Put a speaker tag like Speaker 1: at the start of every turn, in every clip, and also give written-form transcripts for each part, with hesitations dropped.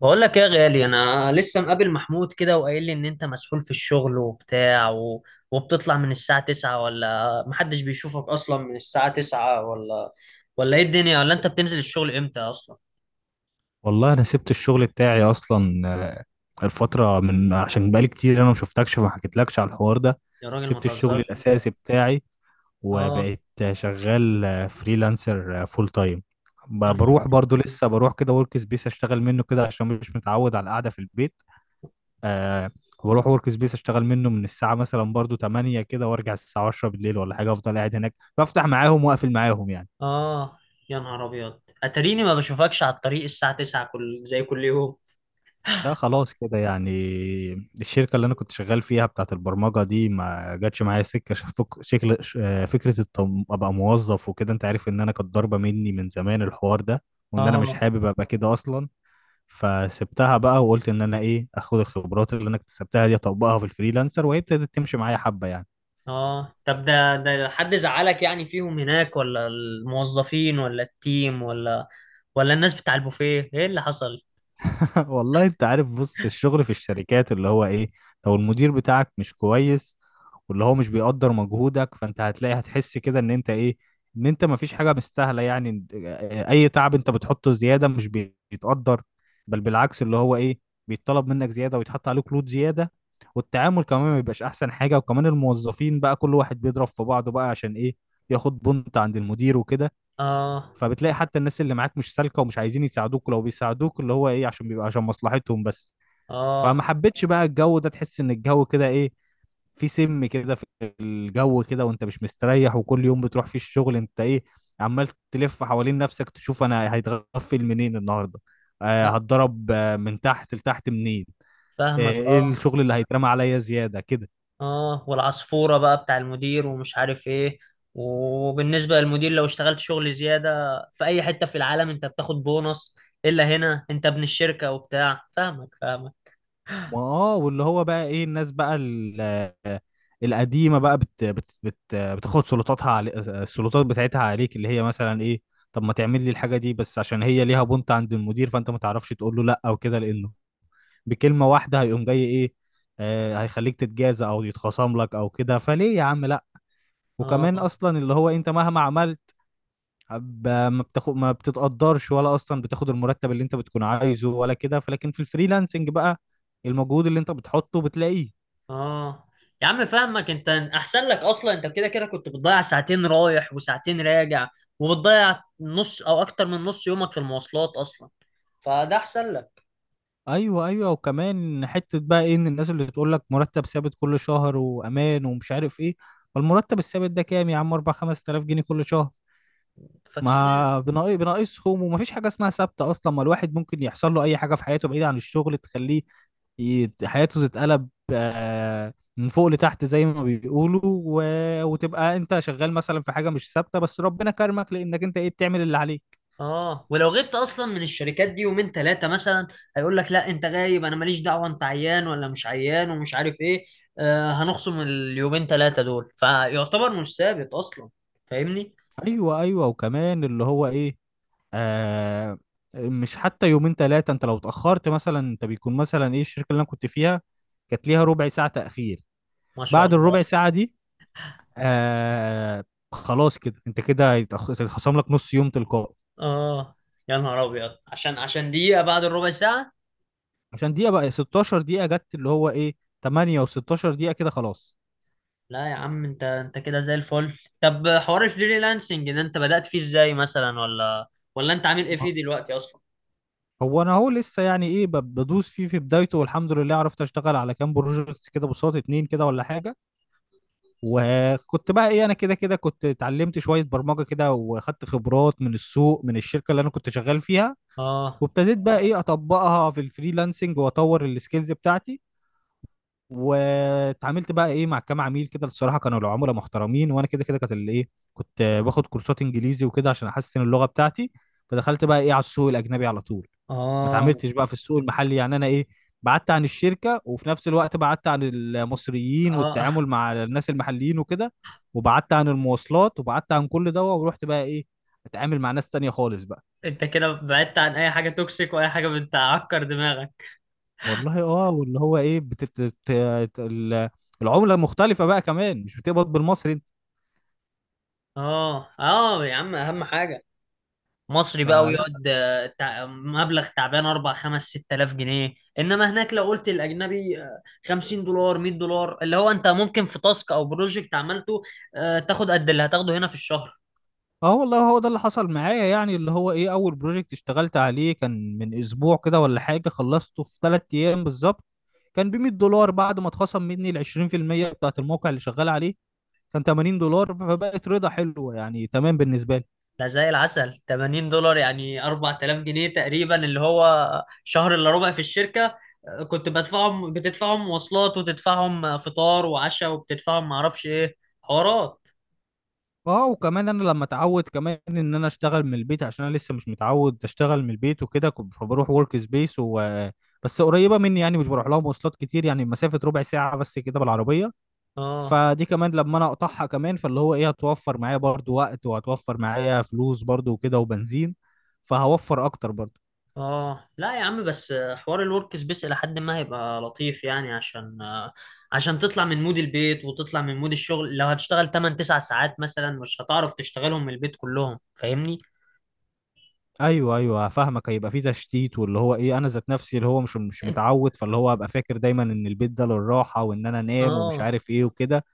Speaker 1: بقول لك ايه يا غالي؟ انا لسه مقابل محمود كده، وقايل لي ان انت مسحول في الشغل وبتاع وبتطلع من الساعة 9، ولا محدش بيشوفك اصلا من الساعة 9، ولا ايه الدنيا؟ ولا انت بتنزل الشغل امتى اصلا؟
Speaker 2: والله انا سبت الشغل بتاعي اصلا. الفتره من عشان بقالي كتير انا ما شفتكش فما حكيتلكش على الحوار ده.
Speaker 1: يا راجل ما
Speaker 2: سبت الشغل
Speaker 1: تهزرش.
Speaker 2: الاساسي بتاعي
Speaker 1: اه.
Speaker 2: وبقيت شغال فريلانسر فول تايم.
Speaker 1: يا نهار.
Speaker 2: بروح برضو لسه بروح كده ورك سبيس اشتغل منه كده عشان مش متعود على القعده في البيت. أه بروح ورك سبيس اشتغل منه من الساعه مثلا برضو 8 كده وارجع الساعه 10 بالليل ولا حاجه افضل قاعد هناك بفتح معاهم واقفل معاهم يعني.
Speaker 1: اه. يا نهار ابيض، اتريني ما بشوفكش على الطريق الساعة 9 كل يوم.
Speaker 2: لا خلاص كده يعني. الشركة اللي أنا كنت شغال فيها بتاعت البرمجة دي ما جاتش معايا سكة شكل فكرة أبقى موظف وكده أنت عارف إن أنا كانت ضاربة مني من زمان الحوار ده وإن أنا مش
Speaker 1: اه.
Speaker 2: حابب أبقى كده أصلا. فسبتها بقى وقلت إن أنا إيه أخد الخبرات اللي أنا اكتسبتها دي أطبقها في الفريلانسر وهي ابتدت تمشي معايا حبة يعني.
Speaker 1: اه، طب ده حد زعلك يعني فيهم هناك؟ ولا الموظفين، ولا التيم، ولا الناس بتاع البوفيه؟ ايه اللي حصل؟
Speaker 2: والله انت عارف بص الشغل في الشركات اللي هو ايه لو المدير بتاعك مش كويس واللي هو مش بيقدر مجهودك فانت هتلاقي هتحس كده ان انت ايه ان انت مفيش حاجة مستاهلة يعني. اي تعب انت بتحطه زيادة مش بيتقدر بل بالعكس اللي هو ايه بيتطلب منك زيادة ويتحط عليك لود زيادة. والتعامل كمان ما بيبقاش احسن حاجة وكمان الموظفين بقى كل واحد بيضرب في بعضه بقى عشان ايه ياخد بنت عند المدير وكده.
Speaker 1: اه.
Speaker 2: فبتلاقي حتى الناس اللي معاك مش سالكه ومش عايزين يساعدوك لو بيساعدوك اللي هو ايه عشان بيبقى عشان مصلحتهم بس.
Speaker 1: اه.
Speaker 2: فما حبيتش بقى الجو ده تحس ان الجو كده ايه في سم كده في الجو كده وانت مش مستريح وكل يوم بتروح فيه الشغل انت ايه عمال تلف حوالين نفسك تشوف انا هيتغفل منين النهارده.
Speaker 1: لا،
Speaker 2: هتضرب من تحت لتحت منين.
Speaker 1: فاهمك.
Speaker 2: ايه
Speaker 1: اه.
Speaker 2: الشغل اللي هيترمى عليا زياده كده.
Speaker 1: اه، والعصفورة بقى بتاع المدير ومش عارف ايه. وبالنسبة للمدير، لو اشتغلت شغل زيادة في اي حتة في العالم انت بتاخد بونص، الا هنا انت ابن الشركة وبتاع. فاهمك فاهمك.
Speaker 2: ما واللي هو بقى ايه الناس بقى القديمه بقى بت بت بت بتاخد سلطاتها علي... السلطات بتاعتها عليك اللي هي مثلا ايه طب ما تعمل لي الحاجه دي بس عشان هي ليها بنت عند المدير فانت ما تعرفش تقول له لا او كده لانه بكلمه واحده هيقوم جاي ايه هيخليك تتجازى او يتخاصم لك او كده فليه يا عم لا. وكمان
Speaker 1: اه.
Speaker 2: اصلا اللي هو انت مهما عملت ما بتاخد ما بتتقدرش ولا اصلا بتاخد المرتب اللي انت بتكون عايزه ولا كده فلكن في الفريلانسنج بقى المجهود اللي انت بتحطه بتلاقيه.
Speaker 1: اه يا عم فاهمك، انت احسن لك اصلا. انت كده كده كنت بتضيع ساعتين رايح وساعتين راجع، وبتضيع نص او اكتر من نص يومك في المواصلات اصلا، فده احسن لك.
Speaker 2: ايوه ايوه وكمان حته بقى ايه ان الناس اللي تقول لك مرتب ثابت كل شهر وامان ومش عارف ايه. فالمرتب الثابت ده كام يا عم 4 5000 جنيه كل شهر
Speaker 1: فاكس.
Speaker 2: ما بناقصهم ومفيش حاجه اسمها ثابته اصلا ما الواحد ممكن يحصل له اي حاجه في حياته بعيده عن الشغل تخليه حياته تتقلب من فوق لتحت زي ما بيقولوا و... وتبقى انت شغال مثلا في حاجه مش ثابته بس ربنا كرمك لانك انت ايه بتعمل اللي عليك.
Speaker 1: اه، ولو غبت اصلا من الشركات دي يومين ثلاثه مثلا، هيقول لك لا انت غايب، انا ماليش دعوه انت عيان ولا مش عيان ومش عارف ايه. هنخصم اليومين ثلاثه دول، فيعتبر مش ثابت اصلا. فاهمني.
Speaker 2: ايوه ايوه وكمان اللي هو ايه آه مش حتى يومين ثلاثة انت لو اتأخرت مثلا انت بيكون مثلا ايه الشركة اللي انا كنت فيها كانت ليها ربع ساعة تأخير.
Speaker 1: ما شاء
Speaker 2: بعد الربع
Speaker 1: الله.
Speaker 2: ساعة دي آه خلاص كده انت كده هيتخصم لك نص يوم تلقائي.
Speaker 1: اه، يا نهار ابيض، عشان دقيقه بعد الربع ساعه.
Speaker 2: عشان دقيقة بقى 16 دقيقة جت اللي هو ايه 8 و16 دقيقة كده خلاص.
Speaker 1: لا يا عم، انت كده زي الفل. طب حوار الفريلانسنج ده انت بدأت فيه ازاي مثلا؟ ولا انت عامل ايه
Speaker 2: ما-
Speaker 1: فيه دلوقتي اصلا؟
Speaker 2: هو انا اهو لسه يعني ايه بدوس فيه في بدايته والحمد لله عرفت اشتغل على كام بروجكت كده بصوت اتنين كده ولا حاجة. وكنت بقى ايه انا كده كده كنت اتعلمت شويه برمجه كده واخدت خبرات من السوق من الشركه اللي انا كنت شغال فيها
Speaker 1: اه.
Speaker 2: وابتديت بقى ايه اطبقها في الفريلانسنج واطور السكيلز بتاعتي. واتعاملت بقى ايه مع كام عميل كده الصراحه كانوا العملاء محترمين وانا كده كده كانت اللي ايه كنت باخد كورسات انجليزي وكده عشان احسن اللغه بتاعتي. فدخلت بقى ايه على السوق الاجنبي على طول. ما
Speaker 1: اه.
Speaker 2: اتعاملتش بقى في السوق المحلي يعني انا ايه بعدت عن الشركه وفي نفس الوقت بعدت عن المصريين
Speaker 1: اه.
Speaker 2: والتعامل مع الناس المحليين وكده. وبعدت عن المواصلات وبعدت عن كل ده ورحت بقى ايه اتعامل مع ناس تانية خالص بقى.
Speaker 1: انت كده بعدت عن اي حاجه توكسيك واي حاجه بتعكر دماغك.
Speaker 2: والله اه واللي هو ايه العمله مختلفه بقى كمان مش بتقبض بالمصري انت
Speaker 1: اه. اه يا عم، اهم حاجه. مصري بقى
Speaker 2: فلا.
Speaker 1: ويقعد مبلغ تعبان 4 5 6000 جنيه. انما هناك لو قلت الاجنبي 50 دولار 100 دولار، اللي هو انت ممكن في تاسك او بروجكت عملته تاخد قد اللي هتاخده هنا في الشهر.
Speaker 2: اه والله هو ده اللي حصل معايا يعني اللي هو ايه اول بروجكت اشتغلت عليه كان من اسبوع كده ولا حاجه خلصته في 3 ايام بالظبط. كان ب 100 دولار بعد ما اتخصم مني ال 20% بتاعت الموقع اللي شغال عليه كان 80 دولار فبقت رضا حلوه يعني تمام بالنسبه لي.
Speaker 1: ده زي العسل 80 دولار يعني 4000 جنيه تقريبا، اللي هو شهر الا ربع في الشركة كنت بدفعهم بتدفعهم مواصلات، وتدفعهم فطار وعشاء، وبتدفعهم معرفش ايه حوارات.
Speaker 2: اه وكمان انا لما اتعود كمان ان انا اشتغل من البيت عشان انا لسه مش متعود اشتغل من البيت وكده فبروح ورك سبيس و بس قريبه مني يعني مش بروح لها مواصلات كتير يعني مسافه ربع ساعه بس كده بالعربيه.
Speaker 1: اه.
Speaker 2: فدي كمان لما انا اقطعها كمان فاللي هو ايه هتوفر معايا برضو وقت وهتوفر معايا فلوس برضو وكده وبنزين فهوفر اكتر برضو.
Speaker 1: اه، لا يا عم، بس حوار الورك سبيس الى حد ما هيبقى لطيف، يعني عشان تطلع من مود البيت وتطلع من مود الشغل. لو هتشتغل 8 9 ساعات مثلا مش هتعرف تشتغلهم من البيت كلهم. فاهمني؟
Speaker 2: ايوه ايوه فاهمك هيبقى في تشتيت واللي هو ايه انا ذات نفسي اللي هو مش
Speaker 1: انت.
Speaker 2: متعود فاللي هو هبقى فاكر دايما ان البيت ده للراحه وان انا انام ومش
Speaker 1: اه.
Speaker 2: عارف ايه وكده.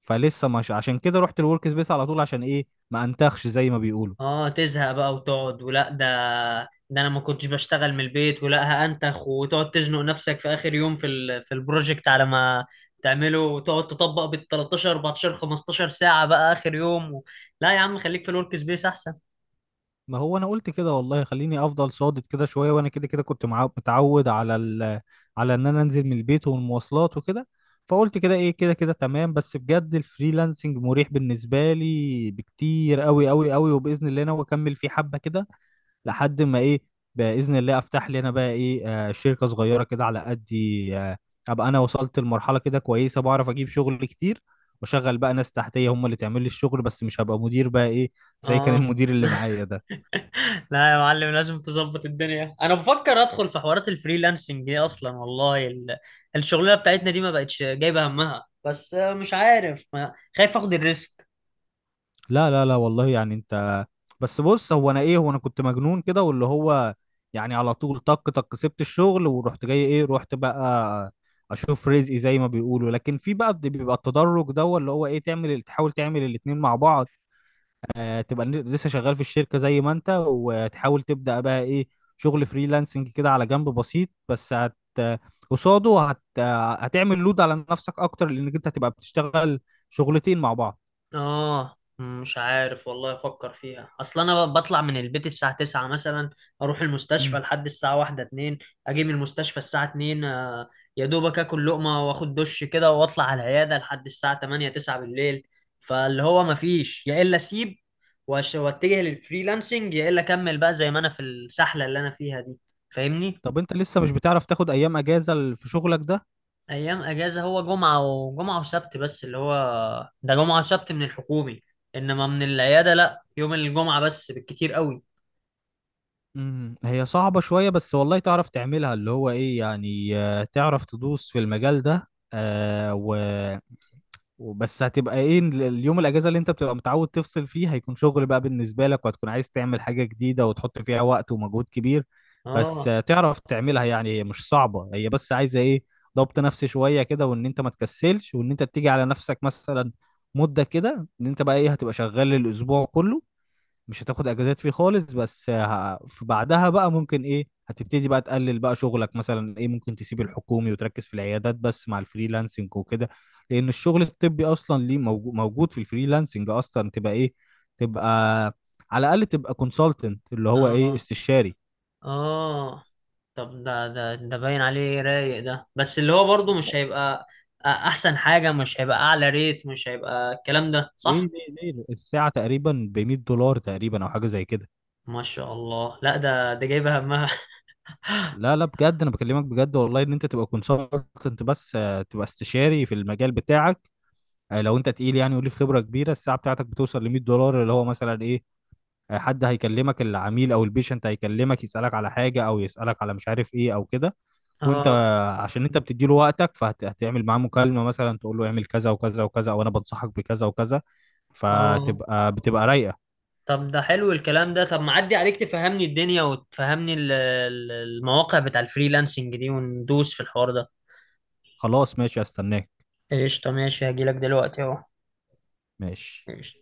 Speaker 2: فلسه مش عشان كده رحت الورك سبيس على طول عشان ايه ما انتخش زي ما بيقولوا.
Speaker 1: اه، تزهق بقى وتقعد ولا ده انا ما كنتش بشتغل من البيت ولا هأنتخ، وتقعد تزنق نفسك في اخر يوم في في البروجكت على ما تعمله، وتقعد تطبق بال 13 14 15 ساعة بقى اخر يوم لا يا عم خليك في الورك سبيس احسن.
Speaker 2: ما هو انا قلت كده والله خليني افضل صادق كده شويه وانا كده كده كنت متعود على ال... على ان انا انزل من البيت والمواصلات وكده. فقلت كده ايه كده كده تمام بس بجد الفريلانسنج مريح بالنسبه لي بكتير قوي قوي قوي وباذن الله انا اكمل فيه حبه كده لحد ما ايه باذن الله افتح لي انا بقى ايه آه شركه صغيره كده على قدي آه ابقى انا وصلت لمرحله كده كويسه بعرف اجيب شغل كتير واشغل بقى ناس تحتيه هم اللي تعمل لي الشغل بس مش هبقى مدير بقى ايه زي كان
Speaker 1: اه.
Speaker 2: المدير اللي معايا ده.
Speaker 1: لا يا معلم لازم تظبط الدنيا. انا بفكر ادخل في حوارات الفريلانسنج دي اصلا. والله الشغلانة بتاعتنا دي ما بقتش جايبة همها، بس مش عارف ما... خايف اخد الريسك.
Speaker 2: لا لا لا والله يعني انت بس بص هو انا ايه هو انا كنت مجنون كده واللي هو يعني على طول طق طق سبت الشغل ورحت جاي ايه رحت بقى اشوف رزقي زي ما بيقولوا لكن في بقى بيبقى التدرج ده اللي هو ايه تعمل تحاول تعمل الاتنين مع بعض. تبقى لسه شغال في الشركة زي ما انت وتحاول تبدأ بقى ايه شغل فريلانسنج كده على جنب بسيط بس قصاده هتعمل لود على نفسك اكتر لانك انت هتبقى بتشتغل شغلتين مع بعض.
Speaker 1: اه مش عارف، والله افكر فيها، اصل انا بطلع من البيت الساعة 9 مثلا، اروح المستشفى
Speaker 2: إمم.
Speaker 1: لحد الساعة 1 2، اجي من المستشفى الساعة 2 يا دوبك اكل لقمة واخد دش كده واطلع على العيادة لحد الساعة 8 9 بالليل. فاللي هو مفيش، يا الا اسيب واتجه للفريلانسنج، يا الا اكمل بقى زي ما انا في السحلة اللي انا فيها دي. فاهمني؟
Speaker 2: طب انت لسه مش بتعرف تاخد ايام اجازة في شغلك ده.
Speaker 1: ايام اجازه هو جمعه وسبت بس، اللي هو ده جمعه وسبت من الحكومي، انما من العياده لا، يوم الجمعه بس بالكتير قوي.
Speaker 2: هي صعبة شوية بس والله تعرف تعملها اللي هو ايه يعني تعرف تدوس في المجال ده آه و وبس هتبقى ايه اليوم الاجازة اللي انت بتبقى متعود تفصل فيه هيكون شغل بقى بالنسبة لك وهتكون عايز تعمل حاجة جديدة وتحط فيها وقت ومجهود كبير. بس
Speaker 1: اه.
Speaker 2: تعرف تعملها يعني هي مش صعبة هي بس عايزة ايه ضبط نفسي شوية كده وان انت ما تكسلش وان انت تيجي على نفسك مثلا مدة كده ان انت بقى ايه هتبقى شغال الاسبوع كله مش هتاخد اجازات فيه خالص بس في بعدها بقى ممكن ايه هتبتدي بقى تقلل بقى شغلك مثلا ايه ممكن تسيب الحكومي وتركز في العيادات بس مع الفريلانسنج وكده. لان الشغل الطبي اصلا ليه موجود في الفريلانسنج اصلا تبقى ايه تبقى على الاقل تبقى كونسلتنت اللي هو ايه
Speaker 1: اه.
Speaker 2: استشاري.
Speaker 1: اه، طب ده باين عليه رايق ده، بس اللي هو برضه مش
Speaker 2: ليه
Speaker 1: هيبقى احسن حاجه. مش هيبقى اعلى ريت، مش هيبقى الكلام ده
Speaker 2: ليه
Speaker 1: صح.
Speaker 2: ليه الساعة تقريبا ب 100 دولار تقريبا او حاجة زي كده.
Speaker 1: ما شاء الله، لا ده جايبه همها.
Speaker 2: لا لا بجد انا بكلمك بجد والله ان انت تبقى كونسلتنت بس تبقى استشاري في المجال بتاعك. لو انت تقيل يعني وليك خبره كبيره الساعه بتاعتك بتوصل ل 100 دولار اللي هو مثلا ايه حد هيكلمك العميل او البيشنت هيكلمك يسالك على حاجه او يسالك على مش عارف ايه او كده. وانت
Speaker 1: اه.
Speaker 2: عشان انت بتديله وقتك فهتعمل معاه مكالمه مثلا تقول له اعمل كذا وكذا وكذا او انا بنصحك بكذا وكذا
Speaker 1: اه،
Speaker 2: فتبقى بتبقى رايقه.
Speaker 1: طب ده حلو الكلام ده. طب ما عدي عليك تفهمني الدنيا وتفهمني المواقع بتاع الفريلانسنج دي، وندوس في الحوار ده.
Speaker 2: خلاص ماشي استناك
Speaker 1: قشطة ماشي، هجيلك دلوقتي اهو.
Speaker 2: ماشي.
Speaker 1: قشطة.